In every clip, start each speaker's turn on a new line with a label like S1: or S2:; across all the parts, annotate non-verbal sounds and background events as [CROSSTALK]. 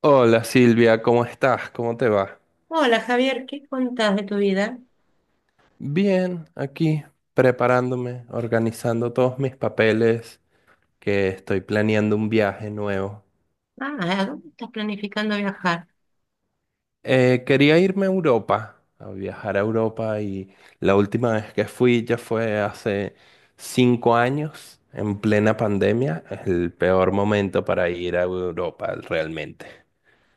S1: Hola Silvia, ¿cómo estás? ¿Cómo te va?
S2: Hola Javier, ¿qué contás de tu vida?
S1: Bien, aquí preparándome, organizando todos mis papeles, que estoy planeando un viaje nuevo.
S2: Ah, ¿a dónde estás planificando viajar?
S1: Quería irme a Europa, a viajar a Europa, y la última vez que fui ya fue hace 5 años, en plena pandemia, el peor momento para ir a Europa realmente.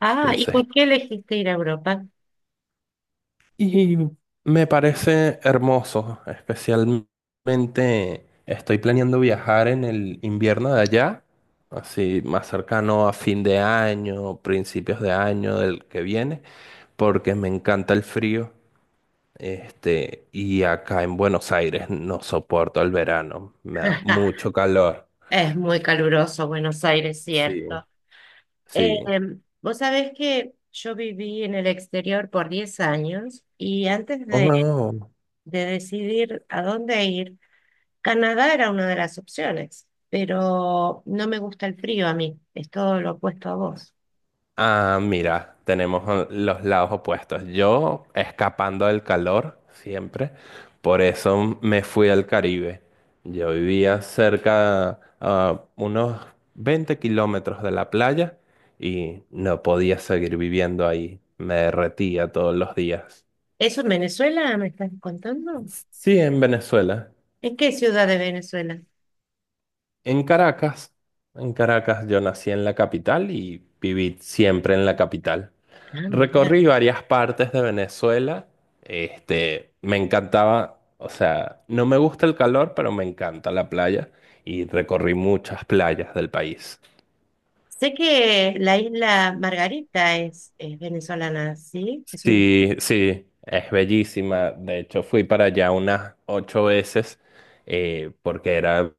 S2: Ah, ¿y
S1: Entonces,
S2: por qué elegiste ir a Europa?
S1: y me parece hermoso, especialmente estoy planeando viajar en el invierno de allá, así más cercano a fin de año, principios de año del que viene, porque me encanta el frío. Este, y acá en Buenos Aires no soporto el verano, me da
S2: [LAUGHS]
S1: mucho calor.
S2: Es muy caluroso Buenos Aires,
S1: Sí,
S2: cierto. Eh,
S1: sí.
S2: vos sabés que yo viví en el exterior por 10 años y antes
S1: Oh.
S2: de decidir a dónde ir, Canadá era una de las opciones, pero no me gusta el frío a mí, es todo lo opuesto a vos.
S1: Ah, mira, tenemos los lados opuestos. Yo escapando del calor siempre, por eso me fui al Caribe. Yo vivía cerca a unos 20 kilómetros de la playa y no podía seguir viviendo ahí. Me derretía todos los días.
S2: ¿Eso en Venezuela me estás contando?
S1: Sí, en Venezuela,
S2: ¿En qué ciudad de Venezuela?
S1: en Caracas. En Caracas yo nací en la capital y viví siempre en la capital.
S2: Ah, mira.
S1: Recorrí varias partes de Venezuela. Este, me encantaba, o sea, no me gusta el calor, pero me encanta la playa, y recorrí muchas playas del país.
S2: Sé que la isla Margarita es venezolana, ¿sí? Es un...
S1: Sí, sí, es bellísima. De hecho, fui para allá unas 8 veces, porque era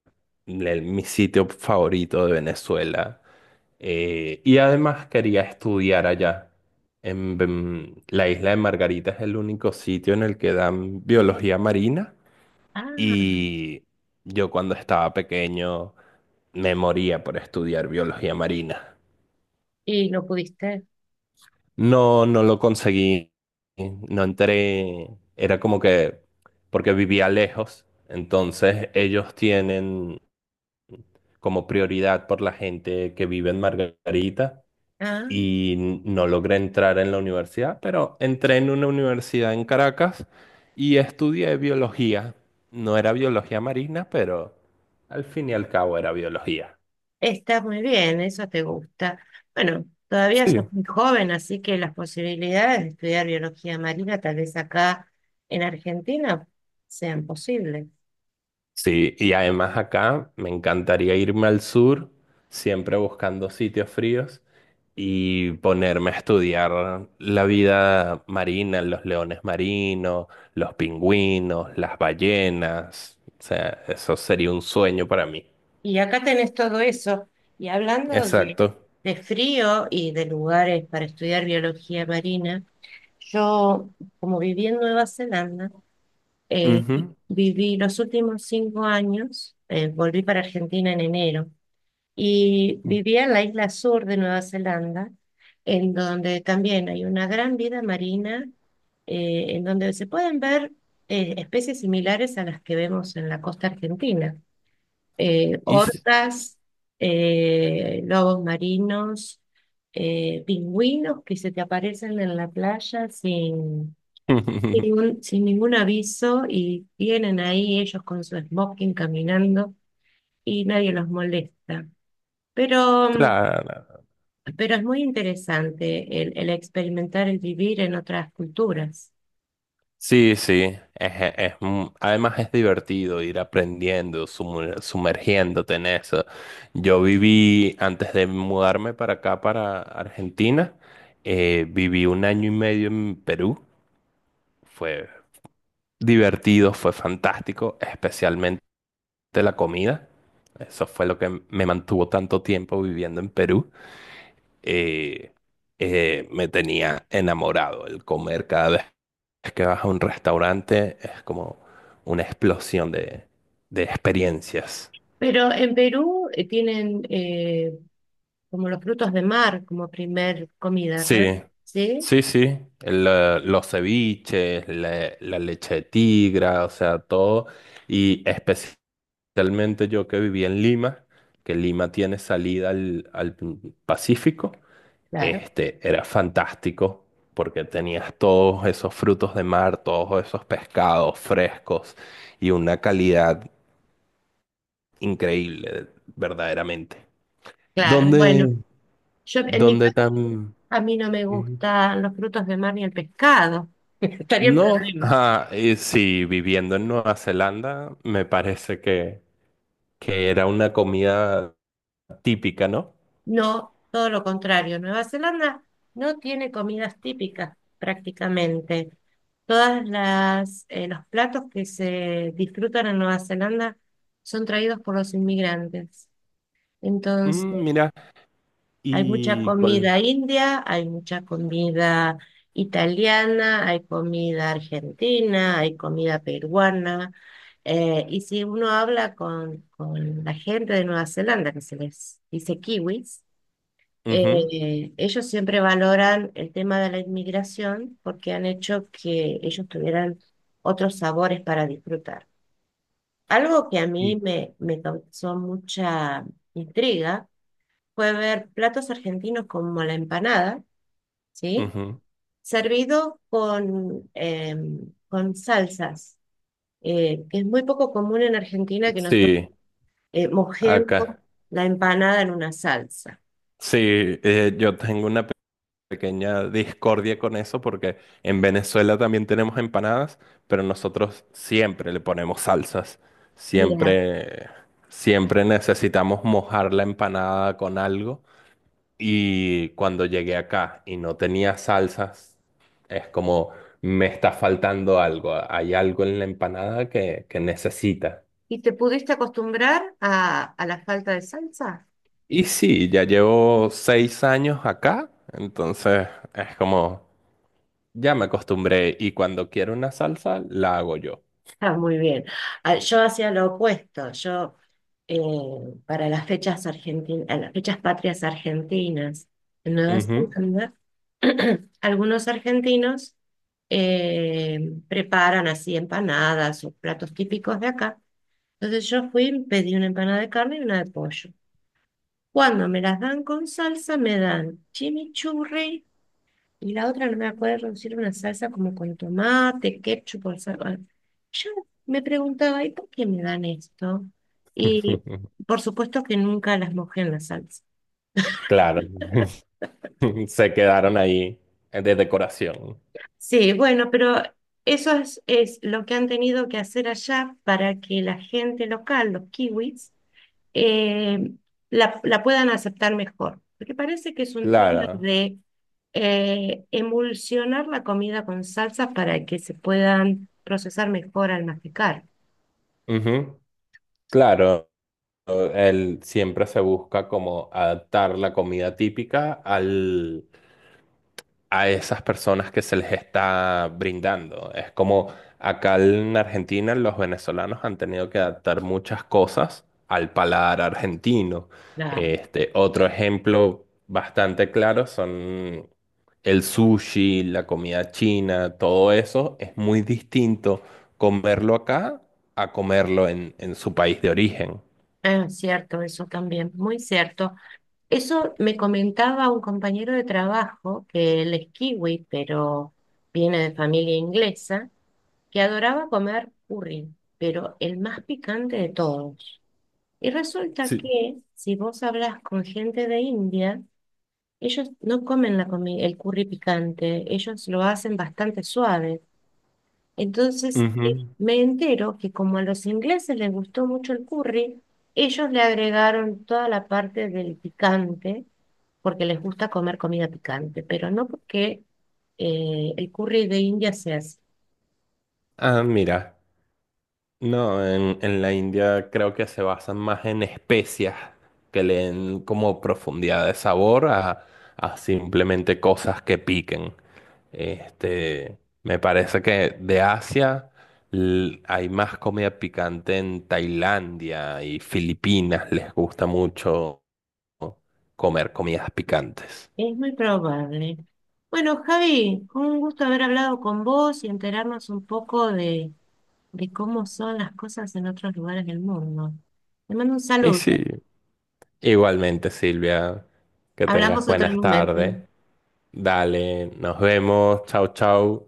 S1: mi sitio favorito de Venezuela. Y además quería estudiar allá. La isla de Margarita es el único sitio en el que dan biología marina.
S2: Ah,
S1: Y yo cuando estaba pequeño me moría por estudiar biología marina.
S2: y no pudiste.
S1: No, no lo conseguí, no entré, era como que, porque vivía lejos, entonces ellos tienen como prioridad por la gente que vive en Margarita,
S2: Ah,
S1: y no logré entrar en la universidad, pero entré en una universidad en Caracas y estudié biología. No era biología marina, pero al fin y al cabo era biología.
S2: está muy bien, eso te gusta. Bueno, todavía
S1: Sí.
S2: sos muy joven, así que las posibilidades de estudiar biología marina, tal vez acá en Argentina, sean posibles.
S1: Sí, y además acá me encantaría irme al sur, siempre buscando sitios fríos y ponerme a estudiar la vida marina, los leones marinos, los pingüinos, las ballenas. O sea, eso sería un sueño para mí.
S2: Y acá tenés todo eso. Y hablando
S1: Exacto.
S2: de frío y de lugares para estudiar biología marina, yo, como viví en Nueva Zelanda, Eh,
S1: Ujú.
S2: viví los últimos 5 años, volví para Argentina en enero y vivía en la isla sur de Nueva Zelanda, en donde también hay una gran vida marina, en donde se pueden ver especies similares a las que vemos en la costa argentina,
S1: Y s-
S2: orcas, lobos marinos, pingüinos que se te aparecen en la playa sin
S1: [LAUGHS]
S2: sin ningún aviso y vienen ahí ellos con su smoking caminando y nadie los molesta. Pero, mm,
S1: claro.
S2: pero es muy interesante el experimentar el vivir en otras culturas.
S1: Sí, sí, además es divertido ir aprendiendo, sumergiéndote en eso. Yo viví, antes de mudarme para acá, para Argentina, viví un año y medio en Perú. Fue divertido, fue fantástico, especialmente la comida. Eso fue lo que me mantuvo tanto tiempo viviendo en Perú. Eh, Me tenía enamorado el comer. Cada vez es que vas a un restaurante, es como una explosión de experiencias.
S2: Pero en Perú tienen como los frutos de mar como primer comida, ¿verdad?
S1: Sí,
S2: Sí,
S1: sí, sí. Los ceviches, la leche de tigra, o sea, todo. Y especialmente yo que viví en Lima, que Lima tiene salida al Pacífico.
S2: claro,
S1: Este, era fantástico porque tenías todos esos frutos de mar, todos esos pescados frescos y una calidad increíble, verdaderamente.
S2: claro. Bueno,
S1: ¿Dónde,
S2: yo en mi
S1: dónde
S2: caso
S1: tan...?
S2: a mí no me
S1: Ujú.
S2: gustan los frutos de mar ni el pescado. [LAUGHS] Estaría en
S1: No,
S2: problemas.
S1: ah, y sí, viviendo en Nueva Zelanda, me parece que era una comida típica, ¿no?
S2: No, todo lo contrario. Nueva Zelanda no tiene comidas típicas prácticamente. Todas las los platos que se disfrutan en Nueva Zelanda son traídos por los inmigrantes. Entonces,
S1: Mira,
S2: hay mucha
S1: y con...
S2: comida india, hay mucha comida italiana, hay comida argentina, hay comida peruana. Y si uno habla con la gente de Nueva Zelanda, que se les dice kiwis,
S1: Ujú,
S2: ellos siempre valoran el tema de la inmigración porque han hecho que ellos tuvieran otros sabores para disfrutar. Algo que a mí
S1: y-
S2: me causó mucha intriga fue ver platos argentinos como la empanada, ¿sí?
S1: ujú.
S2: Servido con, con salsas, que es muy poco común en Argentina que nosotros
S1: Sí,
S2: mojemos
S1: acá.
S2: la empanada en una salsa.
S1: Sí, yo tengo una pequeña discordia con eso porque en Venezuela también tenemos empanadas, pero nosotros siempre le ponemos salsas.
S2: Mira,
S1: Siempre, siempre necesitamos mojar la empanada con algo. Y cuando llegué acá y no tenía salsas, es como me está faltando algo. Hay algo en la empanada que necesita.
S2: ¿y te pudiste acostumbrar a la falta de salsa?
S1: Y sí, ya llevo 6 años acá, entonces es como ya me acostumbré, y cuando quiero una salsa, la hago yo.
S2: Ah, muy bien. Ah, yo hacía lo opuesto. Eh, para las fechas argentinas, las fechas patrias argentinas en Nueva
S1: Ujú.
S2: Zelanda, [CLEARS THROAT] algunos argentinos eh, preparan así empanadas o platos típicos de acá. Entonces yo fui, pedí una empanada de carne y una de pollo. Cuando me las dan con salsa, me dan chimichurri. Y la otra no me acuerdo si era una salsa como con tomate, ketchup o salsa. Yo me preguntaba, ¿y por qué me dan esto? Y
S1: [LAUGHS]
S2: por supuesto que nunca las mojé en la salsa.
S1: Claro, [LAUGHS] se quedaron ahí, de decoración.
S2: Sí, bueno, pero eso es lo que han tenido que hacer allá para que la gente local, los kiwis, eh, la puedan aceptar mejor. Porque parece que es un tema
S1: Claro.
S2: de emulsionar la comida con salsas para que se puedan procesar mejor al masticar.
S1: Ujú. Claro, él siempre se busca como adaptar la comida típica al a esas personas que se les está brindando. Es como acá en Argentina los venezolanos han tenido que adaptar muchas cosas al paladar argentino.
S2: Claro.
S1: Este, otro ejemplo bastante claro son el sushi, la comida china. Todo eso es muy distinto comerlo acá a comerlo en su país de origen.
S2: Ah, cierto, eso también, muy cierto. Eso me comentaba un compañero de trabajo, que él es kiwi, pero viene de familia inglesa, que adoraba comer curry, pero el más picante de todos. Y resulta
S1: Sí.
S2: que si vos hablas con gente de India, ellos no comen el curry picante, ellos lo hacen bastante suave. Entonces
S1: Ujú.
S2: me entero que como a los ingleses les gustó mucho el curry, ellos le agregaron toda la parte del picante, porque les gusta comer comida picante, pero no porque el curry de India sea así.
S1: Ah, mira. No, en la India creo que se basan más en especias que le den como profundidad de sabor a, simplemente cosas que piquen. Este, me parece que de Asia hay más comida picante en Tailandia y Filipinas, les gusta mucho comer comidas picantes.
S2: Es muy probable. Bueno, Javi, un gusto haber hablado con vos y enterarnos un poco de cómo son las cosas en otros lugares del mundo. Te mando un
S1: Y
S2: saludo.
S1: sí, igualmente Silvia, que tengas
S2: Hablamos otro
S1: buenas
S2: momento.
S1: tardes. Dale, nos vemos, chau chau.